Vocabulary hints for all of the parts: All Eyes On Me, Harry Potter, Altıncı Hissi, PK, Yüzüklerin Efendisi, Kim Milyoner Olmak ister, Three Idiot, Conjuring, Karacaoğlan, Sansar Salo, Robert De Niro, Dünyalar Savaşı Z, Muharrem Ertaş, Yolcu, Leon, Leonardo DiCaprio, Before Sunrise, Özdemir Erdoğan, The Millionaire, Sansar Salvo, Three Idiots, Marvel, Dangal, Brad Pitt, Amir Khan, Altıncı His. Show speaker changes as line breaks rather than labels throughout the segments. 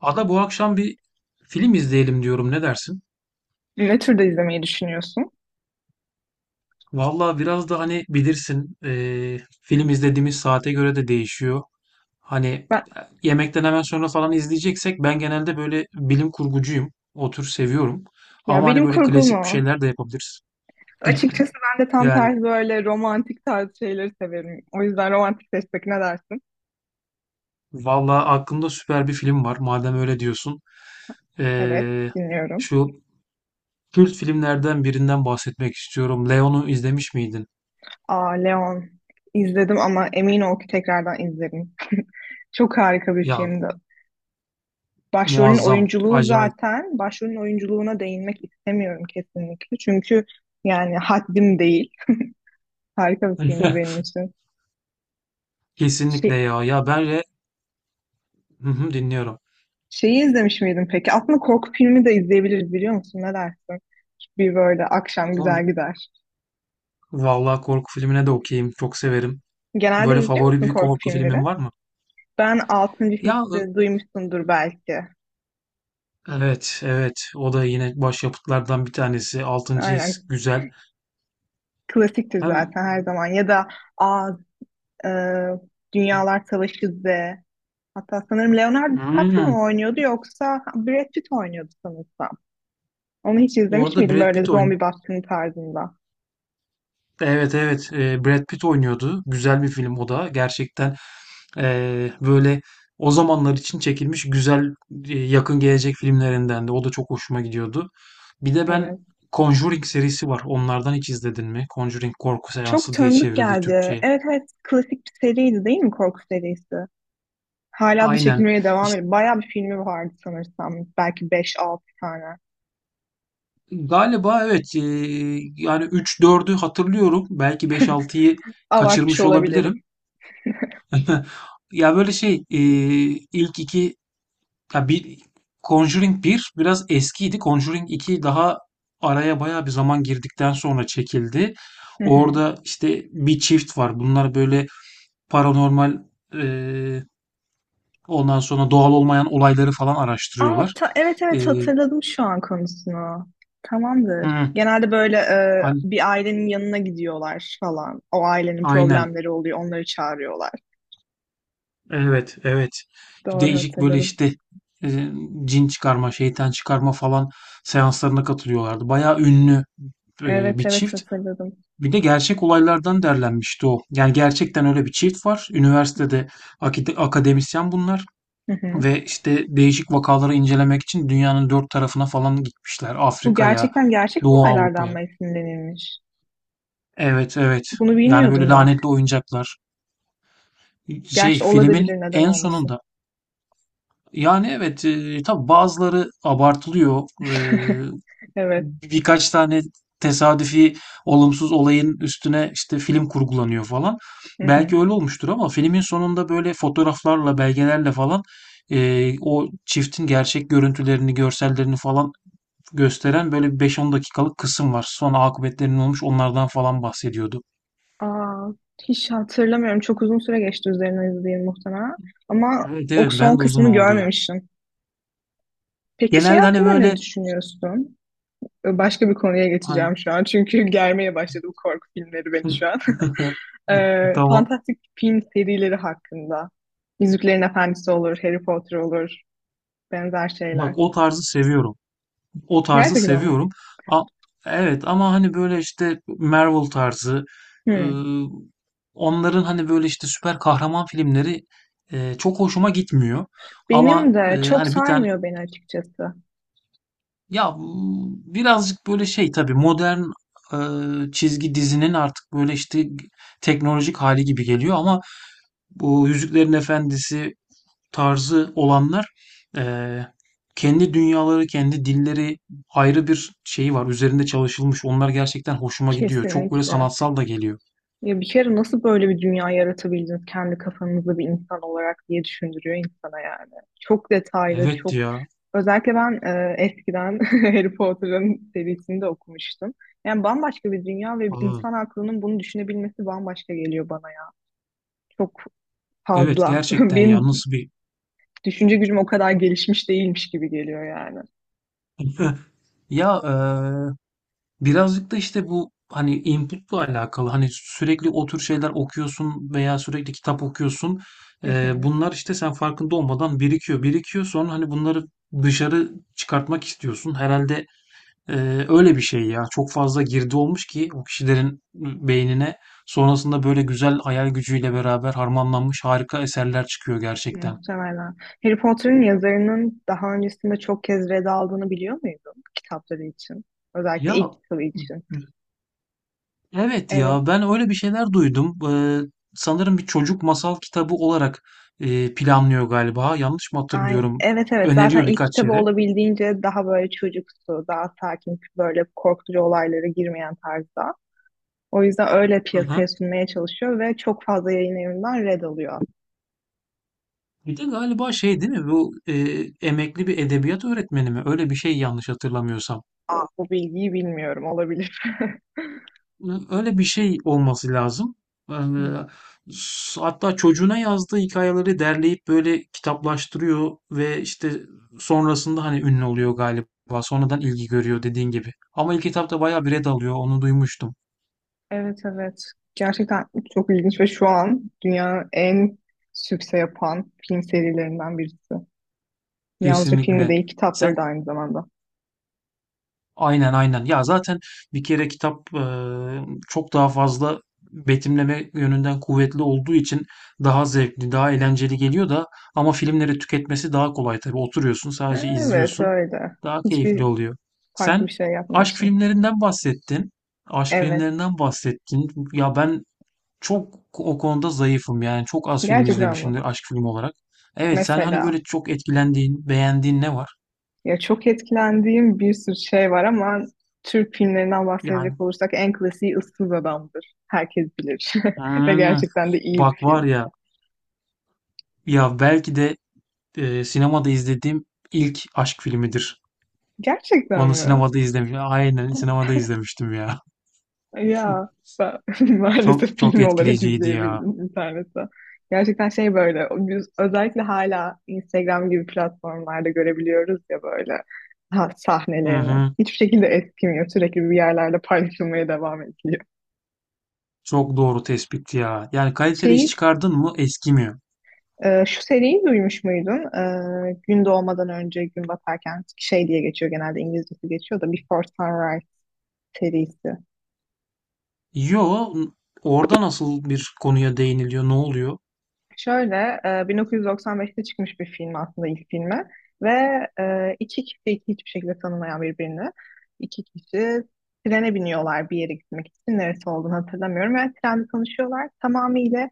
Ada bu akşam bir film izleyelim diyorum. Ne dersin?
Ne türde izlemeyi düşünüyorsun?
Vallahi biraz da hani bilirsin film izlediğimiz saate göre de değişiyor. Hani
Ben,
yemekten hemen sonra falan izleyeceksek ben genelde böyle bilim kurgucuyum. O tür seviyorum.
ya
Ama hani
benim
böyle
kurgum
klasik bir
o.
şeyler de yapabiliriz.
Açıkçası ben de tam
Yani
tersi böyle romantik tarz şeyleri severim. O yüzden romantik seçtik, ne dersin?
vallahi aklımda süper bir film var. Madem öyle diyorsun.
Evet,
Eee,
dinliyorum.
şu kült filmlerden birinden bahsetmek istiyorum. Leon'u izlemiş miydin?
Aa, Leon izledim ama emin ol ki tekrardan izlerim. Çok harika bir
Ya
filmdi. Başrolün
muazzam,
oyunculuğu
acayip.
zaten, başrolün oyunculuğuna değinmek istemiyorum kesinlikle. Çünkü yani haddim değil. Harika bir filmdi benim için.
Kesinlikle
Şey,
ya. Hı hı, dinliyorum.
Şeyi izlemiş miydin peki? Aslında korku filmi de izleyebiliriz, biliyor musun? Ne dersin? Bir böyle akşam
Son-
güzel gider.
Vallahi korku filmine de okeyim. Çok severim.
Genelde
Böyle
izliyor
favori
musun
bir
korku
korku filmin
filmleri?
var mı?
Ben Altıncı
Ya
Hissi duymuşsundur belki.
evet, evet. O da yine başyapıtlardan bir tanesi. Altıncı His
Aynen.
güzel.
Klasiktir
Hem
zaten her zaman. Ya da Aa, e, Dünyalar Savaşı Z. Hatta sanırım Leonardo DiCaprio
Hmm,
mu oynuyordu yoksa Brad Pitt oynuyordu sanırsam. Onu hiç izlemiş
orada
miydin,
Brad
böyle
Pitt oyun.
zombi baskını tarzında?
Evet evet. Brad Pitt oynuyordu. Güzel bir film o da. Gerçekten böyle o zamanlar için çekilmiş güzel yakın gelecek filmlerinden de. O da çok hoşuma gidiyordu. Bir de ben
Evet.
Conjuring serisi var. Onlardan hiç izledin mi? Conjuring korku
Çok
seansı diye
tanıdık
çevrildi
geldi.
Türkçe'ye.
Evet, evet, klasik bir seriydi değil mi, korku serisi? Hala da
Aynen.
çekilmeye devam
İşte
ediyor. Bayağı bir filmi vardı sanırsam. Belki beş altı tane.
galiba evet. Yani üç dördü hatırlıyorum. Belki beş altıyı
Abartmış
kaçırmış olabilirim.
olabilirim.
Ya böyle şey ilk iki ya bir Conjuring 1 biraz eskiydi. Conjuring iki daha araya bayağı bir zaman girdikten sonra çekildi.
Hı hı.
Orada işte bir çift var. Bunlar böyle paranormal eee Ondan sonra doğal olmayan olayları falan
Aa,
araştırıyorlar.
evet,
Ee,
evet, hatırladım şu an konusunu. Tamamdır.
hı,
Genelde böyle
hani,
bir ailenin yanına gidiyorlar falan. O ailenin
aynen.
problemleri oluyor, onları çağırıyorlar.
Evet, evet.
Doğru
Değişik böyle
hatırladım.
işte e, cin çıkarma, şeytan çıkarma falan seanslarına katılıyorlardı. Bayağı ünlü
Evet,
bir
evet,
çift.
hatırladım.
Bir de gerçek olaylardan derlenmişti o. Yani gerçekten öyle bir çift var. Üniversitede akademisyen bunlar.
Hı hı.
Ve işte değişik vakaları incelemek için dünyanın dört tarafına falan gitmişler.
Bu
Afrika'ya,
gerçekten gerçek
Doğu
olaylardan
Avrupa'ya.
mı esinlenilmiş?
Evet, evet.
Bunu
Yani böyle
bilmiyordum bak.
lanetli oyuncaklar. Şey
Gerçi
filmin
olabilir, neden
en
olmasın.
sonunda. Yani evet tabii bazıları abartılıyor.
Evet.
Birkaç tane tesadüfi olumsuz olayın üstüne işte film kurgulanıyor falan.
Hı hı.
Belki öyle olmuştur ama filmin sonunda böyle fotoğraflarla, belgelerle falan o çiftin gerçek görüntülerini, görsellerini falan gösteren böyle bir 5-10 dakikalık kısım var. Sonra akıbetlerinin olmuş onlardan falan bahsediyordu.
Aa, hiç hatırlamıyorum. Çok uzun süre geçti, üzerine izleyeyim muhtemelen. Ama
Evet
o
evet
son
ben de uzun
kısmını
oldu ya.
görmemişim. Peki şey
Genelde hani
hakkında ne
böyle
düşünüyorsun? Başka bir konuya geçeceğim
hangi
şu an. Çünkü germeye başladı bu korku filmleri beni şu an. Ee,
Tamam.
fantastik film serileri hakkında. Yüzüklerin Efendisi olur, Harry Potter olur. Benzer
Bak
şeyler.
o tarzı seviyorum. O tarzı
Gerçekten ama.
seviyorum. A- evet ama hani böyle işte Marvel tarzı,
Hı.
ıı, onların hani böyle işte süper kahraman filmleri çok hoşuma gitmiyor.
Benim
Ama
de çok
hani bir tane,
sarmıyor beni açıkçası.
ya bu birazcık böyle şey tabii, modern çizgi dizinin artık böyle işte teknolojik hali gibi geliyor ama bu Yüzüklerin Efendisi tarzı olanlar, eee, kendi dünyaları, kendi dilleri, ayrı bir şeyi var. Üzerinde çalışılmış. Onlar gerçekten hoşuma gidiyor. Çok böyle
Kesinlikle.
sanatsal da geliyor.
Ya bir kere nasıl böyle bir dünya yaratabildiniz kendi kafanızda bir insan olarak diye düşündürüyor insana yani. Çok detaylı,
Evet
çok
ya.
özellikle ben eskiden Harry Potter'ın serisini de okumuştum. Yani bambaşka bir dünya ve bir
Aa,
insan aklının bunu düşünebilmesi bambaşka geliyor bana ya. Çok
evet
fazla.
gerçekten ya.
Benim
Nasıl bir
düşünce gücüm o kadar gelişmiş değilmiş gibi geliyor yani.
ya, birazcık da işte bu hani inputla alakalı, hani sürekli o tür şeyler okuyorsun veya sürekli kitap okuyorsun.
Hı hı,
Bunlar işte sen farkında olmadan birikiyor birikiyor, sonra hani bunları dışarı çıkartmak istiyorsun. Herhalde. Öyle bir şey ya. Çok fazla girdi olmuş ki o kişilerin beynine, sonrasında böyle güzel hayal gücüyle beraber harmanlanmış harika eserler çıkıyor gerçekten.
muhtemelen. Harry Potter'ın yazarının daha öncesinde çok kez red aldığını biliyor muydun kitapları için? Özellikle ilk
Ya
kitabı için.
evet
Evet,
ya, ben öyle bir şeyler duydum. Sanırım bir çocuk masal kitabı olarak planlıyor galiba. Yanlış mı
ay,
hatırlıyorum?
evet, evet, zaten
Öneriyor
ilk
birkaç
kitabı
yere.
olabildiğince daha böyle çocuksu, daha sakin, böyle korkutucu olaylara girmeyen tarzda. O yüzden öyle
Hı
piyasaya
hı.
sunmaya çalışıyor ve çok fazla yayın evinden red alıyor.
Bir de galiba şey değil mi? Bu emekli bir edebiyat öğretmeni mi? Öyle bir şey, yanlış hatırlamıyorsam.
Aa, bu bilgiyi bilmiyorum, olabilir.
Öyle bir şey olması lazım. Yani, hatta çocuğuna yazdığı hikayeleri derleyip böyle kitaplaştırıyor ve işte sonrasında hani ünlü oluyor galiba. Sonradan ilgi görüyor dediğin gibi. Ama ilk etapta bayağı bir red alıyor. Onu duymuştum.
Evet, evet. Gerçekten çok ilginç ve şu an dünyanın en sükse yapan film serilerinden birisi. Yalnızca filmi
Kesinlikle.
değil, kitapları
Sen
da aynı zamanda.
Aynen aynen. Ya zaten bir kere kitap çok daha fazla betimleme yönünden kuvvetli olduğu için daha zevkli, daha eğlenceli geliyor da, ama filmleri tüketmesi daha kolay tabii. Oturuyorsun, sadece
Evet,
izliyorsun.
öyle.
Daha keyifli
Hiçbir
oluyor.
farklı
Sen
bir şey
aşk
yapmıyorsun.
filmlerinden bahsettin. Aşk
Evet.
filmlerinden bahsettin. Ya ben çok o konuda zayıfım yani. Çok az film
Gerçekten bu.
izlemişimdir aşk filmi olarak. Evet, sen hani
Mesela,
böyle çok etkilendiğin, beğendiğin ne var?
ya çok etkilendiğim bir sürü şey var ama Türk filmlerinden
Yani,
bahsedecek olursak en klasiği Issız Adam'dır. Herkes bilir. Ve
hmm,
gerçekten de iyi bir
bak
film.
var ya. Ya belki de sinemada izlediğim ilk aşk filmidir.
Gerçekten
Onu
mi?
sinemada izlemiştim. Aynen sinemada izlemiştim ya.
Ya ben
Çok
maalesef
çok
film olarak
etkileyiciydi ya.
izleyebildim internette. Gerçekten şey böyle biz özellikle hala Instagram gibi platformlarda görebiliyoruz ya böyle, ha,
Hı
sahnelerini.
hı.
Hiçbir şekilde eskimiyor. Sürekli bir yerlerde paylaşılmaya devam ediliyor.
Çok doğru tespit ya. Yani kaliteli iş
Şeyi
çıkardın mı eskimiyor.
Şu seriyi duymuş muydun? Gün doğmadan önce gün batarken şey diye geçiyor, genelde İngilizcesi geçiyor da Before Sunrise serisi.
Yo, orada nasıl bir konuya değiniliyor? Ne oluyor?
Şöyle, 1995'te çıkmış bir film aslında ilk filmi ve iki kişi hiçbir şekilde tanımayan birbirini. İki kişi trene biniyorlar bir yere gitmek için. Neresi olduğunu hatırlamıyorum ve trende tanışıyorlar. Tamamıyla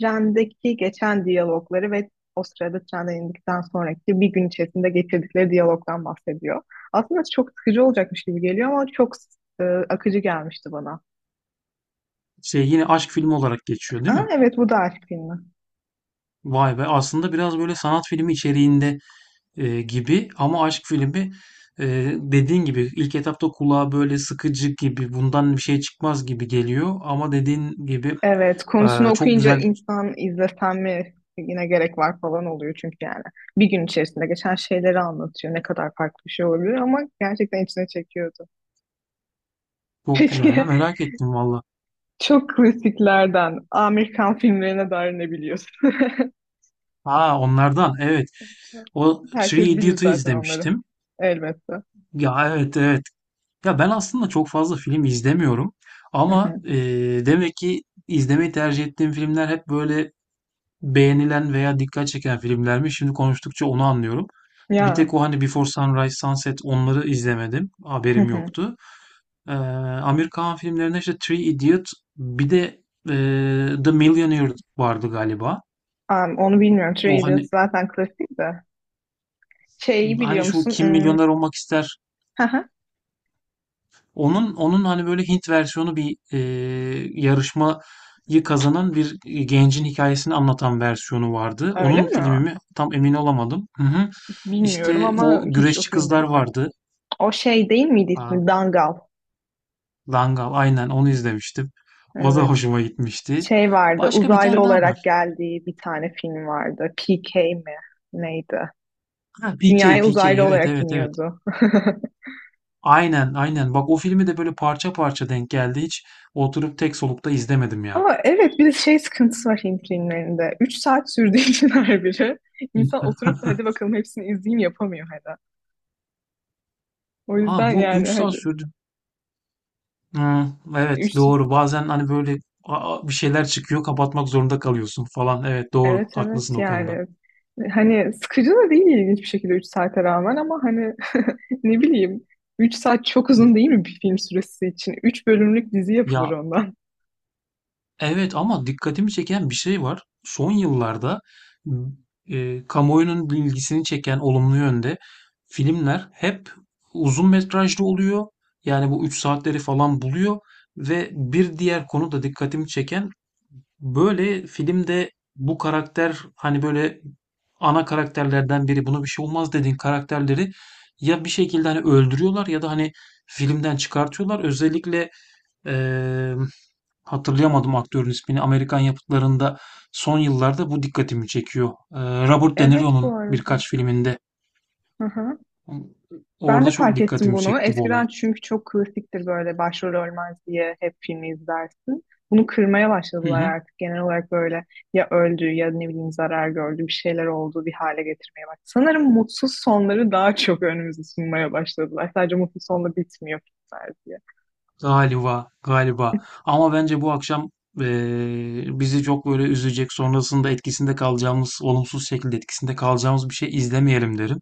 trendeki geçen diyalogları ve o sırada trenden indikten sonraki bir gün içerisinde geçirdikleri diyalogdan bahsediyor. Aslında çok sıkıcı olacakmış gibi geliyor ama çok akıcı gelmişti bana.
Şey, yine aşk filmi olarak geçiyor değil
Aa,
mi?
evet, bu da aşk filmi.
Vay be, aslında biraz böyle sanat filmi içeriğinde gibi ama aşk filmi, e, dediğin gibi ilk etapta kulağa böyle sıkıcı gibi, bundan bir şey çıkmaz gibi geliyor ama dediğin gibi
Evet, konusunu
çok
okuyunca
güzel,
insan izlesem mi yine, gerek var falan oluyor çünkü yani. Bir gün içerisinde geçen şeyleri anlatıyor. Ne kadar farklı bir şey olabilir ama gerçekten içine çekiyordu.
çok
Peki
güzel ya, merak ettim valla.
çok klasiklerden Amerikan filmlerine dair ne biliyorsun?
Ha, onlardan evet, o Three
Herkes bilir
Idiot'u
zaten onları.
izlemiştim.
Elbette.
Ya evet evet, ya ben aslında çok fazla film izlemiyorum
Hı
ama
hı.
demek ki izlemeyi tercih ettiğim filmler hep böyle beğenilen veya dikkat çeken filmler mi? Şimdi konuştukça onu anlıyorum. Bir
Ya,
tek o hani Before Sunrise, Sunset, onları izlemedim.
hı
Haberim
hı.
yoktu. Ee, Amir Khan filmlerinde işte Three Idiot, bir de e, The Millionaire vardı galiba.
Onu bilmiyorum. Three
O
Idiots
hani
zaten klasik de. Şeyi
hani
biliyor
şu
musun?
Kim
Hmm,
Milyoner Olmak ister
hı hı.
Onun hani böyle Hint versiyonu, bir yarışmayı kazanan bir gencin hikayesini anlatan versiyonu vardı.
Öyle
Onun
mi?
filmi mi? Tam emin olamadım. Hı hı.
Bilmiyorum
İşte
ama
o
hiç o
güreşçi
filmde
kızlar
bilmiyorum.
vardı.
O şey değil miydi
Aa,
ismi? Dangal.
Dangal, aynen onu izlemiştim. O da
Evet.
hoşuma gitmişti.
Şey vardı.
Başka bir
Uzaylı
tane daha
olarak
var.
geldiği bir tane film vardı. PK mi? Neydi?
Ha, PK,
Dünyaya
PK,
uzaylı
evet
olarak
evet evet.
iniyordu.
Aynen aynen. Bak, o filmi de böyle parça parça denk geldi. Hiç oturup tek solukta izlemedim ya.
Ama evet, bir de şey sıkıntısı var Hint filmlerinde. 3 saat sürdüğü için her biri. İnsan oturup da hadi bakalım hepsini izleyeyim, yapamıyor hala. O
Ha,
yüzden
bu 3
yani
saat
hadi
sürdü. Hmm, evet
3.
doğru. Bazen hani böyle bir şeyler çıkıyor, kapatmak zorunda kalıyorsun falan. Evet doğru.
Evet, evet,
Haklısın o konuda.
yani hani sıkıcı da değil ilginç bir şekilde 3 saate rağmen ama hani ne bileyim 3 saat çok uzun değil mi bir film süresi için? Üç bölümlük dizi yapılır
Ya
ondan.
evet, ama dikkatimi çeken bir şey var. Son yıllarda m, kamuoyunun ilgisini çeken olumlu yönde filmler hep uzun metrajlı oluyor. Yani bu 3 saatleri falan buluyor. Ve bir diğer konu da dikkatimi çeken, böyle filmde bu karakter, hani böyle ana karakterlerden biri, buna bir şey olmaz dediğin karakterleri ya bir şekilde hani öldürüyorlar ya da hani filmden çıkartıyorlar. Özellikle, eee, hatırlayamadım aktörün ismini. Amerikan yapıtlarında son yıllarda bu dikkatimi çekiyor. Robert De
Evet,
Niro'nun
bu arada.
birkaç filminde
Aha. Ben
orada
de
çok
fark ettim
dikkatimi
bunu.
çekti bu olay.
Eskiden çünkü çok klasiktir, böyle başrol ölmez diye hep filmi izlersin. Bunu kırmaya
Hı
başladılar
hı.
artık. Genel olarak böyle ya öldü ya ne bileyim zarar gördü bir şeyler oldu, bir hale getirmeye bak. Sanırım mutsuz sonları daha çok önümüze sunmaya başladılar. Sadece mutsuz sonla bitmiyor filmler diye.
Galiba, galiba. Ama bence bu akşam bizi çok böyle üzecek, sonrasında etkisinde kalacağımız, olumsuz şekilde etkisinde kalacağımız bir şey izlemeyelim derim.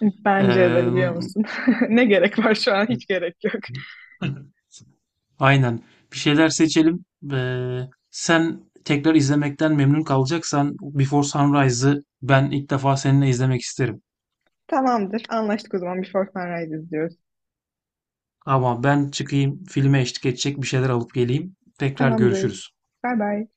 Bence de,
Eee,
biliyor musun? Ne gerek var şu an? Hiç gerek yok.
aynen. Bir şeyler seçelim. Sen tekrar izlemekten memnun kalacaksan Before Sunrise'ı ben ilk defa seninle izlemek isterim.
Tamamdır. Anlaştık o zaman. Before Sunrise izliyoruz.
Ama ben çıkayım, filme eşlik edecek bir şeyler alıp geleyim. Tekrar
Tamamdır.
görüşürüz.
Bay bay.